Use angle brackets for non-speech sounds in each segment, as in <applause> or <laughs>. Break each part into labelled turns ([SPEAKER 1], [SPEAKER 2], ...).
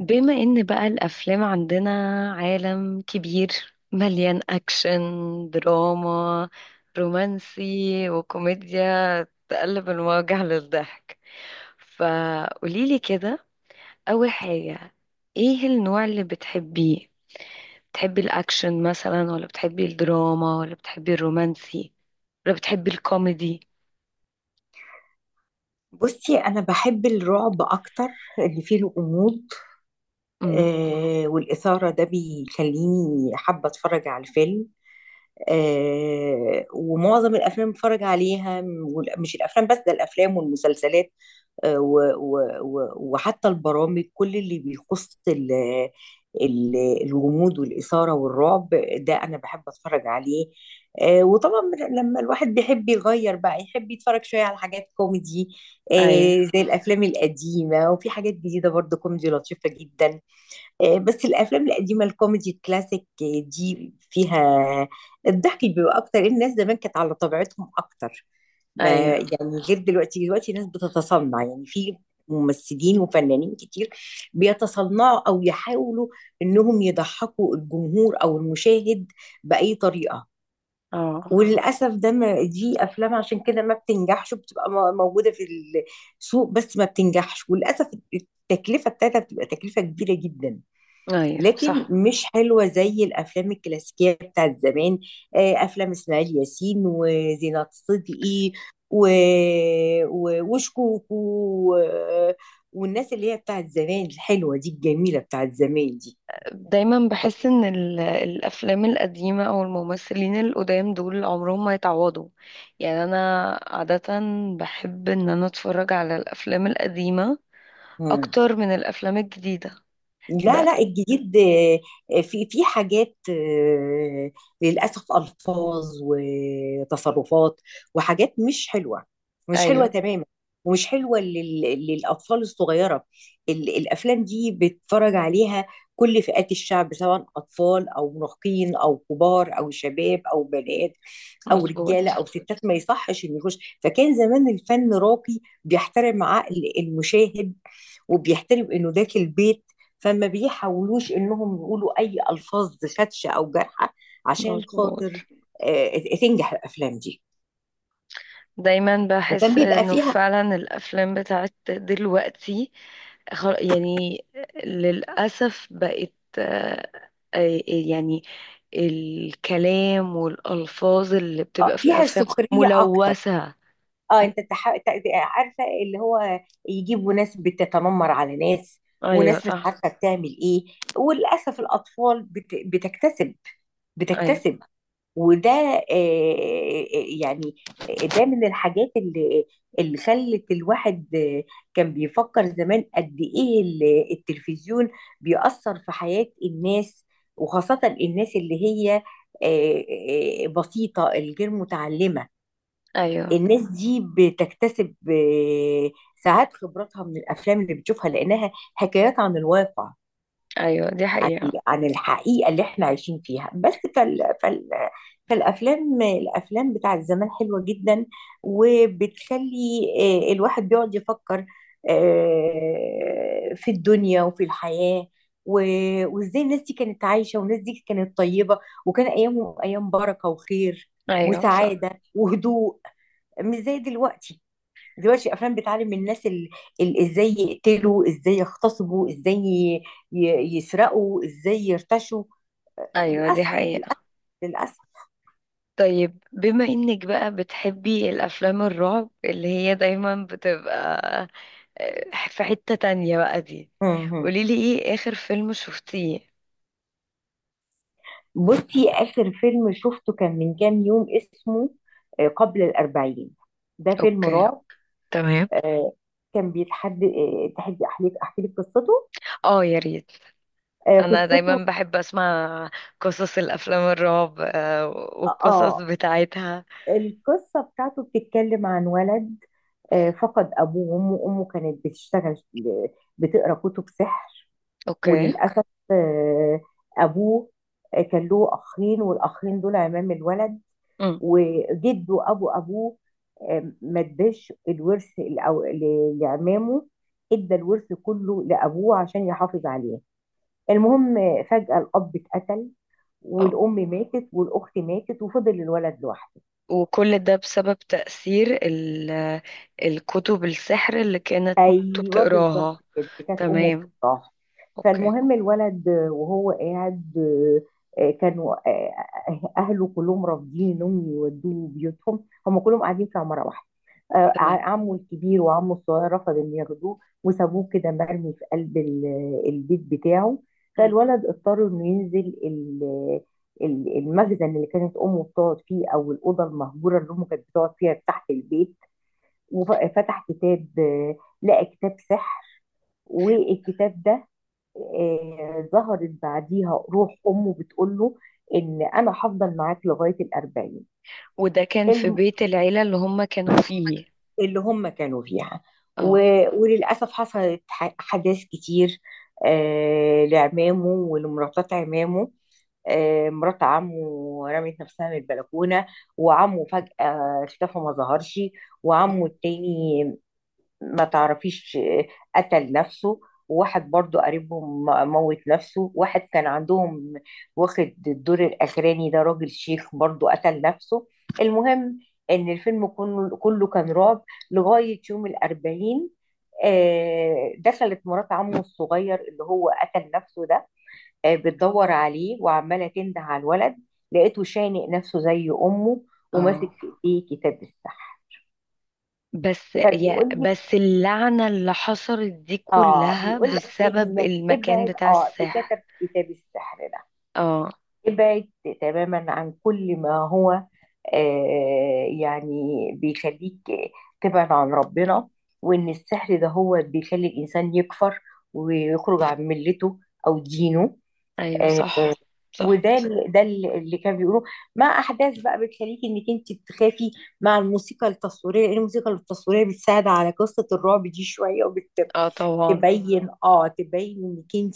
[SPEAKER 1] بما ان بقى الافلام عندنا عالم كبير، مليان اكشن، دراما، رومانسي، وكوميديا تقلب المواجع للضحك. فقوليلي كده، اول حاجة، ايه النوع اللي بتحبيه؟ بتحبي الاكشن مثلا ولا بتحبي الدراما ولا بتحبي الرومانسي ولا بتحبي الكوميدي؟
[SPEAKER 2] بصي، انا بحب الرعب اكتر اللي فيه الغموض
[SPEAKER 1] امم
[SPEAKER 2] والاثاره ده بيخليني حابه اتفرج على الفيلم. ومعظم الافلام بتفرج عليها مش الافلام بس ده الافلام والمسلسلات. وحتى البرامج كل اللي بيخص الغموض والإثارة والرعب ده أنا بحب أتفرج عليه. وطبعا لما الواحد بيحب يغير بقى يحب يتفرج شوية على حاجات كوميدي، آه،
[SPEAKER 1] ايوه.
[SPEAKER 2] زي الأفلام القديمة وفي حاجات جديدة برضه كوميدي لطيفة جدا. بس الافلام القديمه الكوميدي الكلاسيك، دي فيها الضحك بيبقى اكتر، الناس زمان كانت على طبيعتهم اكتر، ما
[SPEAKER 1] ايوه.
[SPEAKER 2] يعني غير دلوقتي. دلوقتي الناس بتتصنع، يعني في ممثلين وفنانين كتير بيتصنعوا او يحاولوا انهم يضحكوا الجمهور او المشاهد باي طريقه.
[SPEAKER 1] اه.
[SPEAKER 2] وللاسف ده، ما دي افلام عشان كده ما بتنجحش، بتبقى موجوده في السوق، بس ما بتنجحش وللاسف. التكلفه بتاعتها بتبقى تكلفه كبيره جدا،
[SPEAKER 1] ايوه
[SPEAKER 2] لكن
[SPEAKER 1] صح.
[SPEAKER 2] مش حلوة زي الأفلام الكلاسيكية بتاعت زمان. أفلام إسماعيل ياسين وزينات صدقي و... وشكوكو، و... والناس اللي هي بتاعت زمان الحلوة دي، الجميلة بتاعت زمان
[SPEAKER 1] دايما بحس ان الافلام القديمه او الممثلين القدام دول عمرهم ما يتعوضوا. يعني انا عاده بحب ان انا اتفرج على الافلام القديمه
[SPEAKER 2] دي.
[SPEAKER 1] اكتر من الافلام الجديده
[SPEAKER 2] لا،
[SPEAKER 1] بقى.
[SPEAKER 2] لا الجديد، في في حاجات، للأسف ألفاظ وتصرفات وحاجات مش حلوة، مش حلوة
[SPEAKER 1] ايوه
[SPEAKER 2] تماما، ومش حلوة للأطفال الصغيرة. الأفلام دي بيتفرج عليها كل فئات الشعب، سواء أطفال أو مراهقين أو كبار أو شباب أو بنات أو رجالة
[SPEAKER 1] مظبوط.
[SPEAKER 2] أو ستات، ما يصحش إنه يخش. فكان زمان الفن راقي، بيحترم عقل المشاهد وبيحترم انه داخل البيت، فما بيحاولوش انهم يقولوا اي الفاظ خدشه او جارحه عشان
[SPEAKER 1] مظبوط.
[SPEAKER 2] خاطر آه، تنجح الافلام دي.
[SPEAKER 1] دايما
[SPEAKER 2] وكان
[SPEAKER 1] بحس
[SPEAKER 2] بيبقى
[SPEAKER 1] انه
[SPEAKER 2] فيها،
[SPEAKER 1] فعلا الافلام بتاعت دلوقتي، يعني للاسف بقت، آه، يعني الكلام والألفاظ اللي بتبقى في
[SPEAKER 2] فيها
[SPEAKER 1] الأفلام
[SPEAKER 2] سخريه اكتر.
[SPEAKER 1] ملوثة.
[SPEAKER 2] اه
[SPEAKER 1] م-
[SPEAKER 2] انت عارفه اللي هو يجيبوا ناس بتتنمر على ناس،
[SPEAKER 1] أيوة
[SPEAKER 2] وناس مش
[SPEAKER 1] صح.
[SPEAKER 2] عارفه بتعمل ايه. وللاسف الاطفال بتكتسب،
[SPEAKER 1] أيوة.
[SPEAKER 2] بتكتسب. وده، آه، يعني، ده من الحاجات اللي خلت الواحد، كان بيفكر زمان قد ايه التلفزيون بيأثر في حياة الناس، وخاصة الناس اللي هي، آه، بسيطة، الغير متعلمة.
[SPEAKER 1] أيوة.
[SPEAKER 2] الناس دي بتكتسب، ساعات خبراتها من الافلام اللي بتشوفها، لانها حكايات عن الواقع،
[SPEAKER 1] أيوة دي
[SPEAKER 2] عن
[SPEAKER 1] حقيقة.
[SPEAKER 2] عن الحقيقة اللي احنا عايشين فيها. بس فالأفلام، الأفلام بتاعت زمان حلوة جدا، وبتخلي الواحد بيقعد يفكر، في الدنيا وفي الحياة. وازاي الناس دي كانت عايشة، والناس دي كانت طيبة، وكان أيامهم أيام بركة وخير
[SPEAKER 1] أيوة صح.
[SPEAKER 2] وسعادة وهدوء، مش زي دلوقتي. دلوقتي الافلام بتعلم الناس ازاي يقتلوا، ازاي يغتصبوا، ازاي يسرقوا، ازاي يرتشوا.
[SPEAKER 1] أيوة دي
[SPEAKER 2] للاسف،
[SPEAKER 1] حقيقة.
[SPEAKER 2] للاسف.
[SPEAKER 1] طيب بما إنك بقى بتحبي الأفلام الرعب اللي هي دايما بتبقى في حتة تانية بقى دي،
[SPEAKER 2] مهم.
[SPEAKER 1] قوليلي إيه آخر فيلم شفتيه؟
[SPEAKER 2] بصي، اخر فيلم شفته كان من كام يوم، اسمه، قبل الاربعين، ده فيلم
[SPEAKER 1] أوكي.
[SPEAKER 2] رعب.
[SPEAKER 1] تمام.
[SPEAKER 2] آه، كان بيتحدى، تحدي. احكي لك قصته.
[SPEAKER 1] اه يا ريت، انا
[SPEAKER 2] قصته،
[SPEAKER 1] دايما بحب اسمع قصص الافلام الرعب والقصص
[SPEAKER 2] اه،
[SPEAKER 1] بتاعتها.
[SPEAKER 2] القصه بتاعته بتتكلم عن ولد، فقد ابوه وامه. امه كانت بتشتغل، بتقرا كتب سحر.
[SPEAKER 1] اوكي.
[SPEAKER 2] وللأسف، آه، أبوه، كان له أخين، والأخين دول عمام الولد.
[SPEAKER 1] امم.
[SPEAKER 2] وجده أبو أبوه، ما اداش الورث لعمامه، ادى الورث كله لأبوه عشان يحافظ عليه. المهم، فجأة الأب اتقتل،
[SPEAKER 1] اه،
[SPEAKER 2] والأم ماتت، والأخت ماتت، وفضل الولد لوحده.
[SPEAKER 1] وكل ده بسبب تأثير الكتب السحر اللي كانت مامته
[SPEAKER 2] ايوه بالظبط
[SPEAKER 1] بتقراها؟
[SPEAKER 2] كده، كانت امه
[SPEAKER 1] تمام.
[SPEAKER 2] بتطاح.
[SPEAKER 1] اوكي.
[SPEAKER 2] فالمهم الولد وهو قاعد، كانوا، اهله كلهم رافضين انهم يودوه بيوتهم، هم كلهم قاعدين في عماره واحده.
[SPEAKER 1] تمام.
[SPEAKER 2] عمه الكبير وعمه الصغير رفض ان ياخدوه، وسابوه كده مرمي في قلب البيت بتاعه.
[SPEAKER 1] مم.
[SPEAKER 2] فالولد اضطر انه ينزل المخزن اللي كانت امه بتقعد فيه، او الاوضه المهجوره اللي امه كانت بتقعد فيها تحت البيت، وفتح كتاب، لقى كتاب سحر. والكتاب ده، ظهرت بعديها روح امه بتقول له ان انا هفضل معاك لغايه الأربعين.
[SPEAKER 1] وده كان في
[SPEAKER 2] الم-
[SPEAKER 1] بيت العيلة اللي هم كانوا فيه؟
[SPEAKER 2] اللي هم كانوا فيها.
[SPEAKER 1] اه.
[SPEAKER 2] وللاسف حصلت حداث كتير، لعمامه ولمراتات عمامه. مرات عمه رمت نفسها من البلكونه، وعمه فجاه اختفى ما ظهرش،
[SPEAKER 1] اه.
[SPEAKER 2] وعمه التاني، ما تعرفيش، قتل نفسه. وواحد برضو قريبهم موت نفسه، واحد كان عندهم واخد الدور الأخراني ده، راجل شيخ، برضو قتل نفسه. المهم إن الفيلم كله كان رعب لغاية يوم الأربعين. دخلت مرات عمه الصغير اللي هو قتل نفسه ده، بتدور عليه وعمالة تنده على الولد، لقيته شانق نفسه زي أمه، وماسك
[SPEAKER 1] اه
[SPEAKER 2] في إيديه كتاب السحر.
[SPEAKER 1] بس، يا
[SPEAKER 2] فبيقول لي،
[SPEAKER 1] بس اللعنة اللي حصلت دي
[SPEAKER 2] اه
[SPEAKER 1] كلها
[SPEAKER 2] بيقول لك
[SPEAKER 1] بسبب
[SPEAKER 2] انك
[SPEAKER 1] المكان
[SPEAKER 2] ابعد،
[SPEAKER 1] بتاع
[SPEAKER 2] اه
[SPEAKER 1] السحر.
[SPEAKER 2] بكتب كتاب السحر ده،
[SPEAKER 1] اه.
[SPEAKER 2] ابعد تماما عن كل ما هو يعني بيخليك تبعد عن ربنا. وان السحر ده هو بيخلي الانسان يكفر ويخرج عن ملته او دينه.
[SPEAKER 1] ايوه
[SPEAKER 2] آه
[SPEAKER 1] صح. صح.
[SPEAKER 2] وده اللي كان بيقولوه، مع احداث بقى بتخليكي انك انت تخافي، مع الموسيقى التصويريه، لان الموسيقى التصويريه بتساعد على قصه الرعب دي شويه،
[SPEAKER 1] اه طبعا.
[SPEAKER 2] تبين، اه تبين انك انت،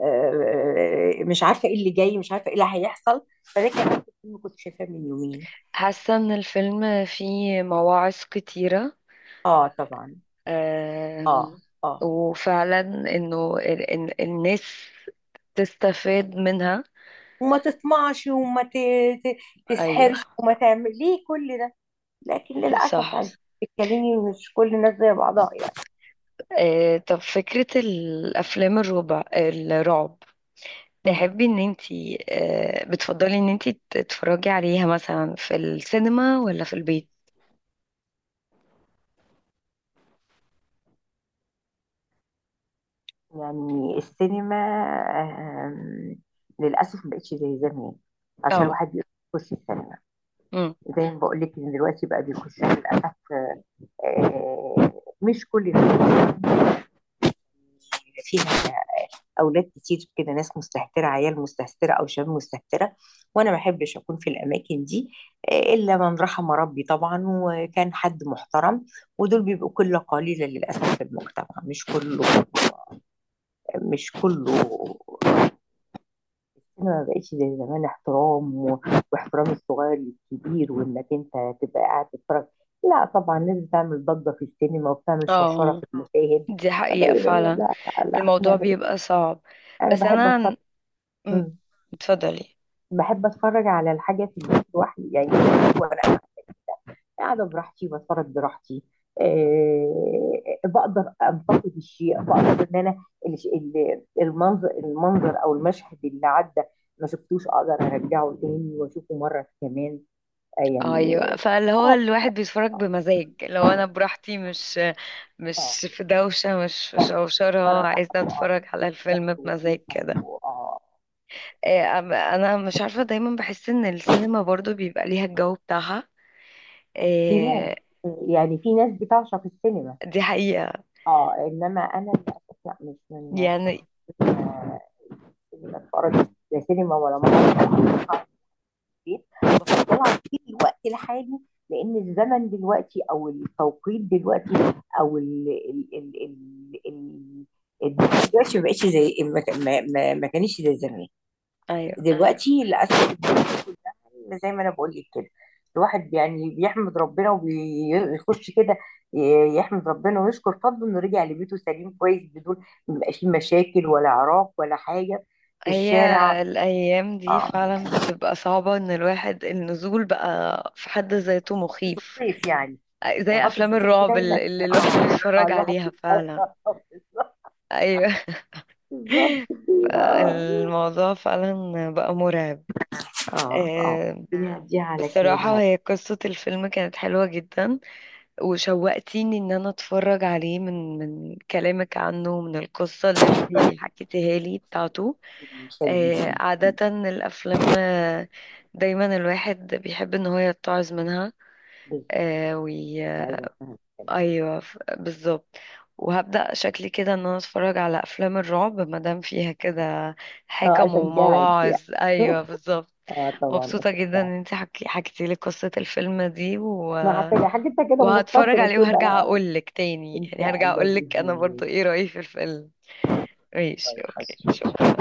[SPEAKER 2] آه، مش عارفه ايه اللي جاي، مش عارفه ايه اللي هيحصل. فده كمان فيلم كنت شايفاه من يومين.
[SPEAKER 1] حاسة ان الفيلم فيه مواعظ كتيرة.
[SPEAKER 2] اه طبعا. اه
[SPEAKER 1] آم،
[SPEAKER 2] اه.
[SPEAKER 1] وفعلا انه الناس تستفاد منها.
[SPEAKER 2] وما تطمعش، وما ت...
[SPEAKER 1] ايوه
[SPEAKER 2] تسحرش، وما تعمل ليه كل ده. لكن للاسف يعني،
[SPEAKER 1] صح.
[SPEAKER 2] بتتكلمي مش كل الناس زي بعضها يعني.
[SPEAKER 1] طب فكرة الافلام الربع الرعب،
[SPEAKER 2] مم.
[SPEAKER 1] تحبي ان انتي بتفضلي ان انتي تتفرجي عليها مثلا في السينما ولا في البيت؟
[SPEAKER 2] يعني السينما، آم، للاسف ما بقتش زي زمان، عشان
[SPEAKER 1] اه.
[SPEAKER 2] الواحد بيخش السينما،
[SPEAKER 1] مم.
[SPEAKER 2] زي ما بقول لك ان دلوقتي بقى بيخش، للاسف، آه، مش كل الناس فيها، اولاد كتير كده، ناس مستهتره، عيال مستهتره، او شباب مستهتره. وانا ما احبش اكون في الاماكن دي، الا من رحم ربي طبعا، وكان حد محترم، ودول بيبقوا قله قليله للاسف في المجتمع، مش كله، مش كله. انا ما بقتش زي زمان احترام واحترام الصغير للكبير، وانك انت تبقى قاعد تتفرج، لا طبعا لازم تعمل ضجه في السينما، وبتعمل شرشره
[SPEAKER 1] اه
[SPEAKER 2] في المشاهد.
[SPEAKER 1] دي
[SPEAKER 2] فده
[SPEAKER 1] حقيقة
[SPEAKER 2] يبقى لا
[SPEAKER 1] فعلا.
[SPEAKER 2] لا، لا
[SPEAKER 1] الموضوع
[SPEAKER 2] انا
[SPEAKER 1] بيبقى صعب.
[SPEAKER 2] انا
[SPEAKER 1] بس
[SPEAKER 2] بحب
[SPEAKER 1] انا
[SPEAKER 2] اتفرج.
[SPEAKER 1] عن- مم.
[SPEAKER 2] مم.
[SPEAKER 1] اتفضلي.
[SPEAKER 2] بحب اتفرج على الحاجه في البيت لوحدي، يعني وانا قاعده براحتي، بتفرج براحتي، بقدر انتقد الشيء، بقدر ان انا المنظر، المنظر او المشهد اللي عدى ما شفتوش، اقدر ارجعه تاني واشوفه مره كمان، يعني.
[SPEAKER 1] ايوه، فاللي هو
[SPEAKER 2] اه
[SPEAKER 1] الواحد بيتفرج
[SPEAKER 2] اه
[SPEAKER 1] بمزاج. لو انا براحتي، مش
[SPEAKER 2] اه
[SPEAKER 1] مش في دوشه، مش في
[SPEAKER 2] اه.
[SPEAKER 1] شوشره،
[SPEAKER 2] اتفرج
[SPEAKER 1] عايزه اتفرج على
[SPEAKER 2] ضغط
[SPEAKER 1] الفيلم بمزاج
[SPEAKER 2] وفيها،
[SPEAKER 1] كده.
[SPEAKER 2] اه،
[SPEAKER 1] انا مش عارفه، دايما بحس ان السينما برضو بيبقى ليها الجو بتاعها.
[SPEAKER 2] لناس
[SPEAKER 1] إيه،
[SPEAKER 2] يعني. في ناس بتعشق السينما،
[SPEAKER 1] دي حقيقه
[SPEAKER 2] اه، انما انا للاسف لا، مش من عشاق
[SPEAKER 1] يعني.
[SPEAKER 2] السينما. السينما اتفرج، لا سينما ولا مسرح، البيت بفضلها في الوقت الحالي، لان الزمن دلوقتي او التوقيت دلوقتي، او ال ال ال ال ال دلوقتي ما بقتش زي ما ما كانش زي زمان.
[SPEAKER 1] ايوه.
[SPEAKER 2] دلوقتي للاسف الدنيا كلها زي ما انا بقول لك كده، الواحد يعني بيحمد ربنا وبيخش كده، يحمد ربنا ويشكر فضله انه رجع لبيته سليم كويس، بدون ما يبقاش فيه مشاكل ولا عراك ولا حاجه في
[SPEAKER 1] هي
[SPEAKER 2] الشارع.
[SPEAKER 1] الايام دي
[SPEAKER 2] اه،
[SPEAKER 1] فعلا بتبقى صعبه، ان الواحد النزول بقى في حد ذاته
[SPEAKER 2] في
[SPEAKER 1] مخيف.
[SPEAKER 2] الصيف يعني، يعني
[SPEAKER 1] زي
[SPEAKER 2] فترة
[SPEAKER 1] افلام
[SPEAKER 2] الصيف دي
[SPEAKER 1] الرعب
[SPEAKER 2] دايما.
[SPEAKER 1] اللي
[SPEAKER 2] اه
[SPEAKER 1] الواحد
[SPEAKER 2] اه
[SPEAKER 1] بيتفرج
[SPEAKER 2] الواحد
[SPEAKER 1] عليها
[SPEAKER 2] بيتفرق.
[SPEAKER 1] فعلا. ايوه.
[SPEAKER 2] <laughs> بالظبط
[SPEAKER 1] <laughs>
[SPEAKER 2] كده.
[SPEAKER 1] فالموضوع فعلا بقى مرعب.
[SPEAKER 2] اه اه
[SPEAKER 1] آه،
[SPEAKER 2] اه دي على خير يا
[SPEAKER 1] بصراحة
[SPEAKER 2] رب.
[SPEAKER 1] هي قصة الفيلم كانت حلوة جدا، وشوقتيني ان انا اتفرج عليه من كلامك عنه ومن القصة اللي انتي حكيتيها لي بتاعته.
[SPEAKER 2] يخليكي.
[SPEAKER 1] عادة الافلام، دايما الواحد بيحب ان هو يتعظ منها.
[SPEAKER 2] بالظبط. اللي عايزة افهم كده.
[SPEAKER 1] ايوه بالظبط. وهبدأ شكلي كده ان انا اتفرج على افلام الرعب مادام فيها كده
[SPEAKER 2] اه
[SPEAKER 1] حكم
[SPEAKER 2] اشجعك
[SPEAKER 1] ومواعظ.
[SPEAKER 2] يعني.
[SPEAKER 1] ايوه
[SPEAKER 2] <laughs>
[SPEAKER 1] بالظبط.
[SPEAKER 2] اه طبعا
[SPEAKER 1] مبسوطة جدا
[SPEAKER 2] اشجعك.
[SPEAKER 1] ان انت حكيتي لي قصة الفيلم دي و...
[SPEAKER 2] احنا عارفين حاجتها كده
[SPEAKER 1] وهتفرج
[SPEAKER 2] مختصرة
[SPEAKER 1] عليه
[SPEAKER 2] كده.
[SPEAKER 1] وهرجع اقول لك تاني،
[SPEAKER 2] ان
[SPEAKER 1] يعني
[SPEAKER 2] شاء
[SPEAKER 1] هرجع
[SPEAKER 2] الله
[SPEAKER 1] اقول
[SPEAKER 2] بإذن
[SPEAKER 1] لك انا
[SPEAKER 2] الله.
[SPEAKER 1] برضو ايه رأيي في الفيلم. ماشي اوكي شكرا.